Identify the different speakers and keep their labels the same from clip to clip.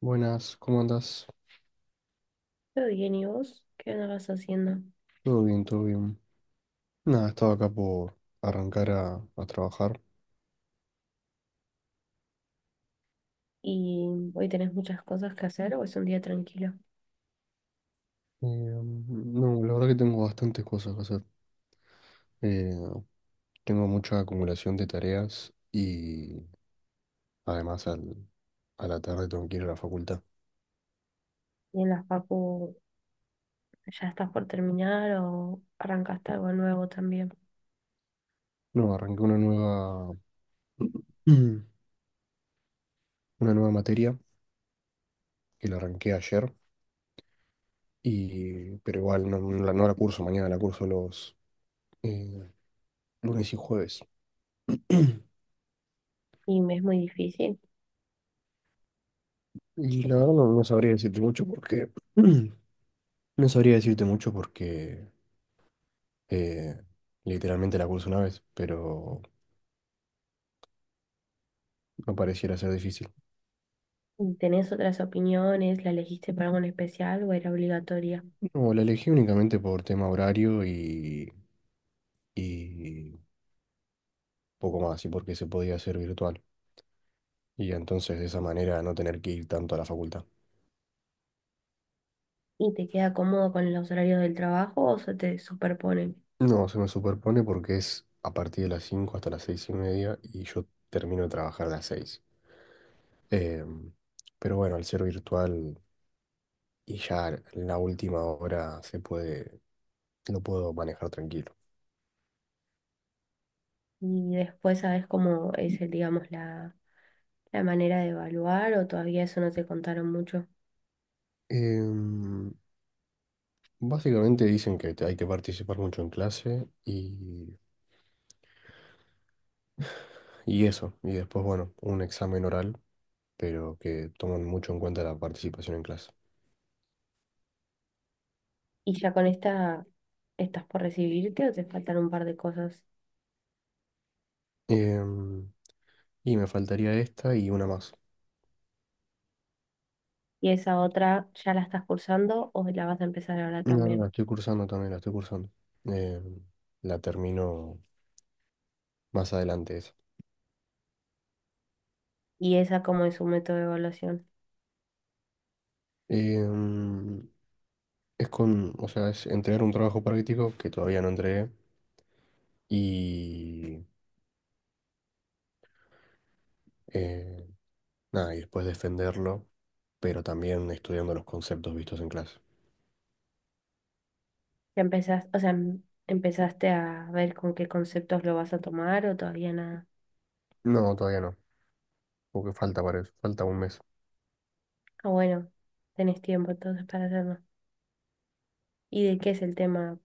Speaker 1: Buenas, ¿cómo andas?
Speaker 2: Todo bien, ¿y vos? ¿Qué andabas haciendo?
Speaker 1: Todo bien, todo bien. Nada, estaba acá por arrancar a trabajar.
Speaker 2: ¿Y hoy tenés muchas cosas que hacer o es un día tranquilo?
Speaker 1: No, la verdad que tengo bastantes cosas que hacer. Eh, tengo mucha acumulación de tareas y además a la tarde tengo que ir a la facultad.
Speaker 2: ¿Y en las papu ya estás por terminar o arrancaste algo nuevo también?
Speaker 1: No, arranqué una nueva, una nueva materia que la arranqué ayer, y, pero igual no, no la curso mañana, la curso los eh, lunes y jueves.
Speaker 2: Y me es muy difícil.
Speaker 1: Y la verdad no, no sabría decirte mucho porque no sabría decirte mucho porque eh, literalmente la curso una vez, pero no pareciera ser difícil.
Speaker 2: ¿Tenés otras opiniones? ¿La elegiste para algo en especial o era obligatoria?
Speaker 1: No, la elegí únicamente por tema horario y poco más, y porque se podía hacer virtual. Y entonces de esa manera no tener que ir tanto a la facultad.
Speaker 2: ¿Y te queda cómodo con los horarios del trabajo o se te superponen?
Speaker 1: No, se me superpone porque es a partir de las 5 hasta las 6:30 y yo termino de trabajar a las 6. Em, pero bueno, al ser virtual y ya en la última hora se puede, lo puedo manejar tranquilo.
Speaker 2: Y después sabes cómo es, el, digamos, la manera de evaluar o todavía eso no te contaron mucho.
Speaker 1: Em, básicamente dicen hay que participar mucho en clase y eso. Y después, bueno, un examen oral, pero que toman mucho en cuenta la participación en clase.
Speaker 2: Y ya con esta estás por recibirte o te faltan un par de cosas.
Speaker 1: Em, y me faltaría esta y una más.
Speaker 2: Y esa otra, ¿ya la estás cursando o la vas a empezar ahora
Speaker 1: No, no,
Speaker 2: también?
Speaker 1: la estoy cursando también, la estoy cursando. Em, la termino más adelante esa.
Speaker 2: Y esa como es su método de evaluación.
Speaker 1: Em, es con, o sea, es entregar un trabajo práctico que todavía no entregué y... eh, nada, y después defenderlo, pero también estudiando los conceptos vistos en clase.
Speaker 2: ¿Ya empezás, o sea, empezaste a ver con qué conceptos lo vas a tomar o todavía nada?
Speaker 1: No, todavía no, porque falta para eso, falta un mes.
Speaker 2: Ah, bueno, tenés tiempo entonces para hacerlo. ¿Y de qué es el tema?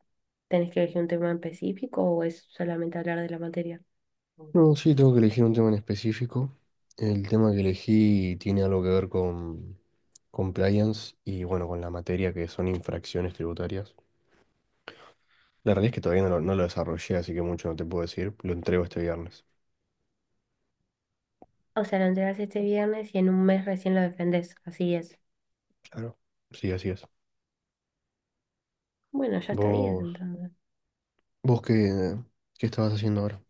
Speaker 2: ¿Tenés que elegir un tema en específico o es solamente hablar de la materia?
Speaker 1: No, sí, tengo que elegir un tema en específico. El tema que elegí tiene algo que ver con compliance y bueno, con la materia que son infracciones tributarias. La realidad es que todavía no lo desarrollé, así que mucho no te puedo decir. Lo entrego este viernes.
Speaker 2: O sea, lo entregas este viernes y en un mes recién lo defendés. Así es.
Speaker 1: Claro. Sí, así es.
Speaker 2: Bueno, ya estarías
Speaker 1: ¿Vos,
Speaker 2: entonces.
Speaker 1: vos qué estabas haciendo ahora?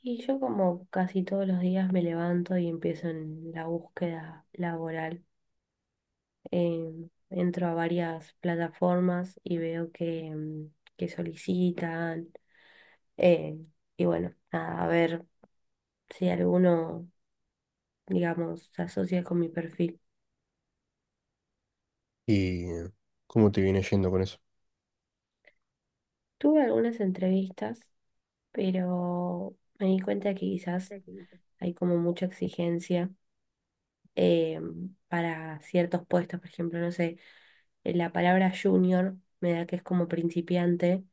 Speaker 2: Y yo como casi todos los días me levanto y empiezo en la búsqueda laboral. Entro a varias plataformas y veo que, que solicitan. eh, y bueno, nada, a ver si alguno, digamos, se asocia con mi perfil.
Speaker 1: ¿Y cómo te viene yendo con eso?
Speaker 2: Tuve algunas entrevistas, pero me di cuenta que quizás hay como mucha exigencia eh, para ciertos puestos, por ejemplo, no sé, la palabra junior me da que es como principiante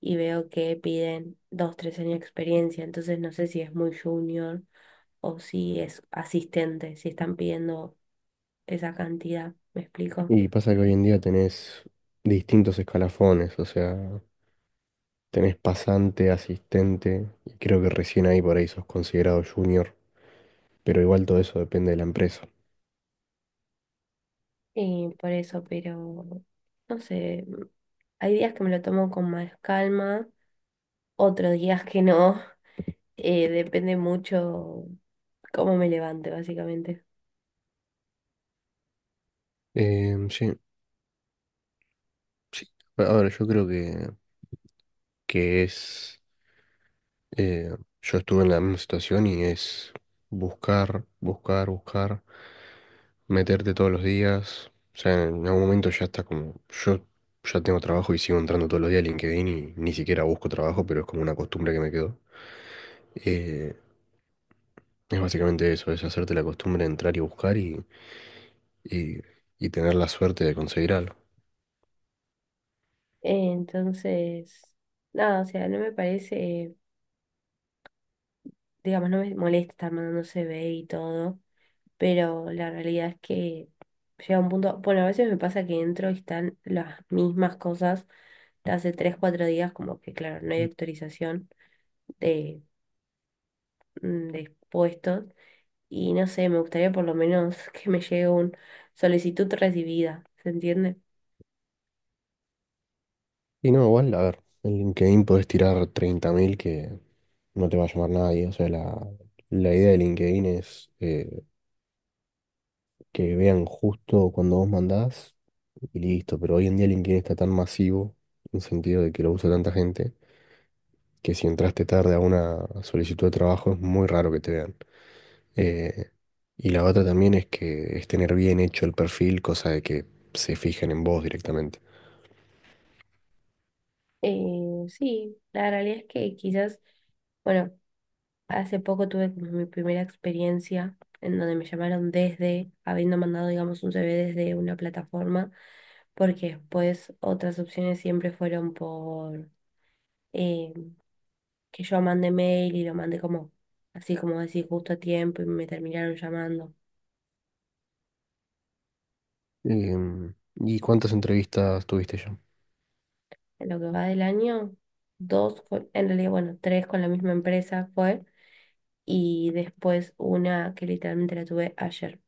Speaker 2: y veo que piden dos, tres años de experiencia, entonces no sé si es muy junior o si es asistente, si están pidiendo esa cantidad, ¿me explico?
Speaker 1: Y pasa que hoy en día tenés distintos escalafones, o sea, tenés pasante, asistente, y creo que recién ahí por ahí sos considerado junior, pero igual todo eso depende de la empresa.
Speaker 2: Y por eso, pero no sé, hay días que me lo tomo con más calma, otros días que no, depende mucho cómo me levante, básicamente.
Speaker 1: Sí, sí, a ver, yo creo que es Eh, yo estuve en la misma situación y es buscar, meterte todos los días. O sea, en algún momento ya está como, yo ya tengo trabajo y sigo entrando todos los días a LinkedIn y ni siquiera busco trabajo, pero es como una costumbre que me quedó. Eh, es básicamente eso, es hacerte la costumbre de entrar y buscar y, y tener la suerte de conseguir algo.
Speaker 2: Entonces, nada, o sea, no me parece, digamos, no me molesta estar mandando CV y todo, pero la realidad es que llega un punto, bueno, a veces me pasa que entro y están las mismas cosas de hace 3 4 días, como que claro, no hay actualización de, mm, de puestos y no sé, me gustaría por lo menos que me llegue un solicitud recibida, ¿se entiende?
Speaker 1: Y no, igual, a ver, en LinkedIn podés tirar 30,000 que no te va a llamar nadie. O sea, la idea de LinkedIn es que vean justo cuando vos mandás y listo. Pero hoy en día LinkedIn está tan masivo, en el sentido de que lo usa tanta gente, que si entraste tarde a una solicitud de trabajo es muy raro que te vean. Eh, y la otra también es que es tener bien hecho el perfil, cosa de que se fijen en vos directamente.
Speaker 2: Sí, la realidad es que quizás... Bueno, hace poco tuve como mi primera experiencia en donde me llamaron desde, habiendo mandado, digamos, un CV desde una plataforma, porque después otras opciones siempre fueron por eh, que yo mandé mail y lo mandé como, así como decir, justo a tiempo y me terminaron llamando.
Speaker 1: ¿Y cuántas entrevistas tuviste ya?
Speaker 2: En lo que va del año, dos, en realidad, bueno, tres con la misma empresa fue, y después una que literalmente la tuve ayer.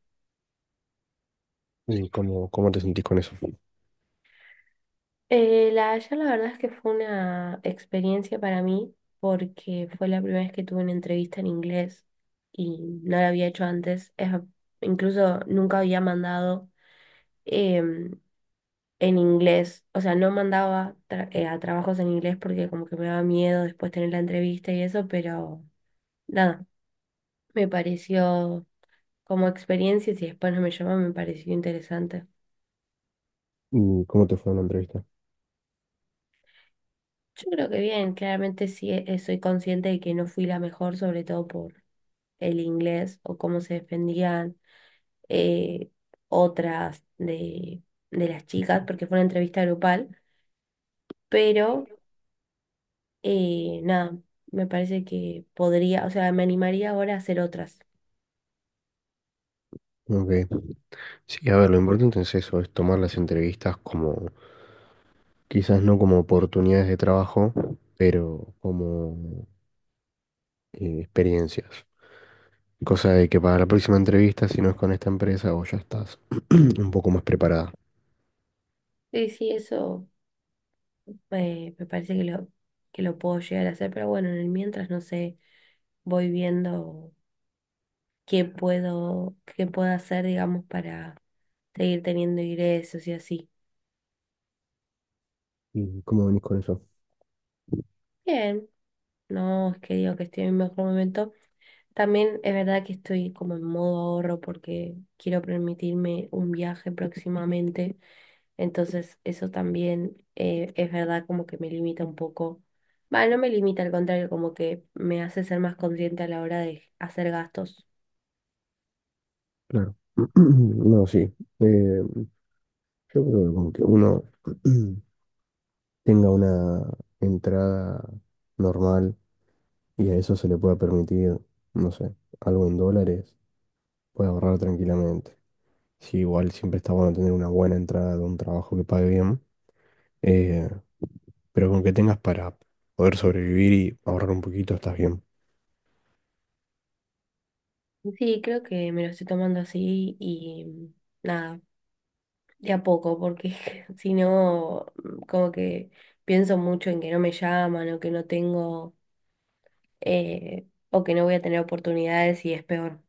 Speaker 1: ¿Y cómo te sentís con eso?
Speaker 2: La verdad es que fue una experiencia para mí porque fue la primera vez que tuve una entrevista en inglés y no la había hecho antes. Incluso nunca había mandado em, en inglés, o sea, no mandaba tra- a trabajos en inglés porque como que me daba miedo después tener la entrevista y eso, pero nada, me pareció como experiencia y si después no me llaman me pareció interesante.
Speaker 1: ¿Y cómo te fue en la entrevista?
Speaker 2: Yo creo que bien, claramente sí soy consciente de que no fui la mejor, sobre todo por el inglés o cómo se defendían eh, otras de las chicas, porque fue una entrevista grupal, pero nada, me parece que podría, o sea, me animaría ahora a hacer otras.
Speaker 1: Ok. Sí, a ver, lo importante es eso, es tomar las entrevistas como, quizás no como oportunidades de trabajo, pero como experiencias. Cosa de que para la próxima entrevista, si no es con esta empresa, vos ya estás un poco más preparada.
Speaker 2: Sí, sí, eso me parece que lo puedo llegar a hacer, pero bueno, en el mientras no sé, voy viendo qué puedo hacer, digamos, para seguir teniendo ingresos y así.
Speaker 1: ¿Y cómo venís con eso?
Speaker 2: Bien, no es que digo que estoy en mi mejor momento. También es verdad que estoy como en modo ahorro porque quiero permitirme un viaje próximamente. Entonces eso también es verdad como que me limita un poco. Va, no me limita, al contrario, como que me hace ser más consciente a la hora de hacer gastos.
Speaker 1: Claro. No, sí. Eh, yo creo que con que uno tenga una entrada normal y a eso se le puede permitir, no sé, algo en dólares, puede ahorrar tranquilamente. Sí, igual siempre está bueno tener una buena entrada de un trabajo que pague bien, eh, pero con que tengas para poder sobrevivir y ahorrar un poquito, estás bien.
Speaker 2: Sí, creo que me lo estoy tomando así y nada, de a poco, porque si no, mm, como que pienso mucho en que no me llaman o que no tengo o que no voy a tener oportunidades y es peor.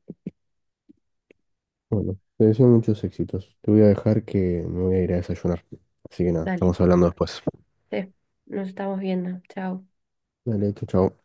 Speaker 1: Bueno, te deseo muchos éxitos. Te voy a dejar que me voy a ir a desayunar. Así que nada,
Speaker 2: Dale.
Speaker 1: estamos hablando después.
Speaker 2: Sí, nos estamos viendo. Chao.
Speaker 1: Dale, chau, chau.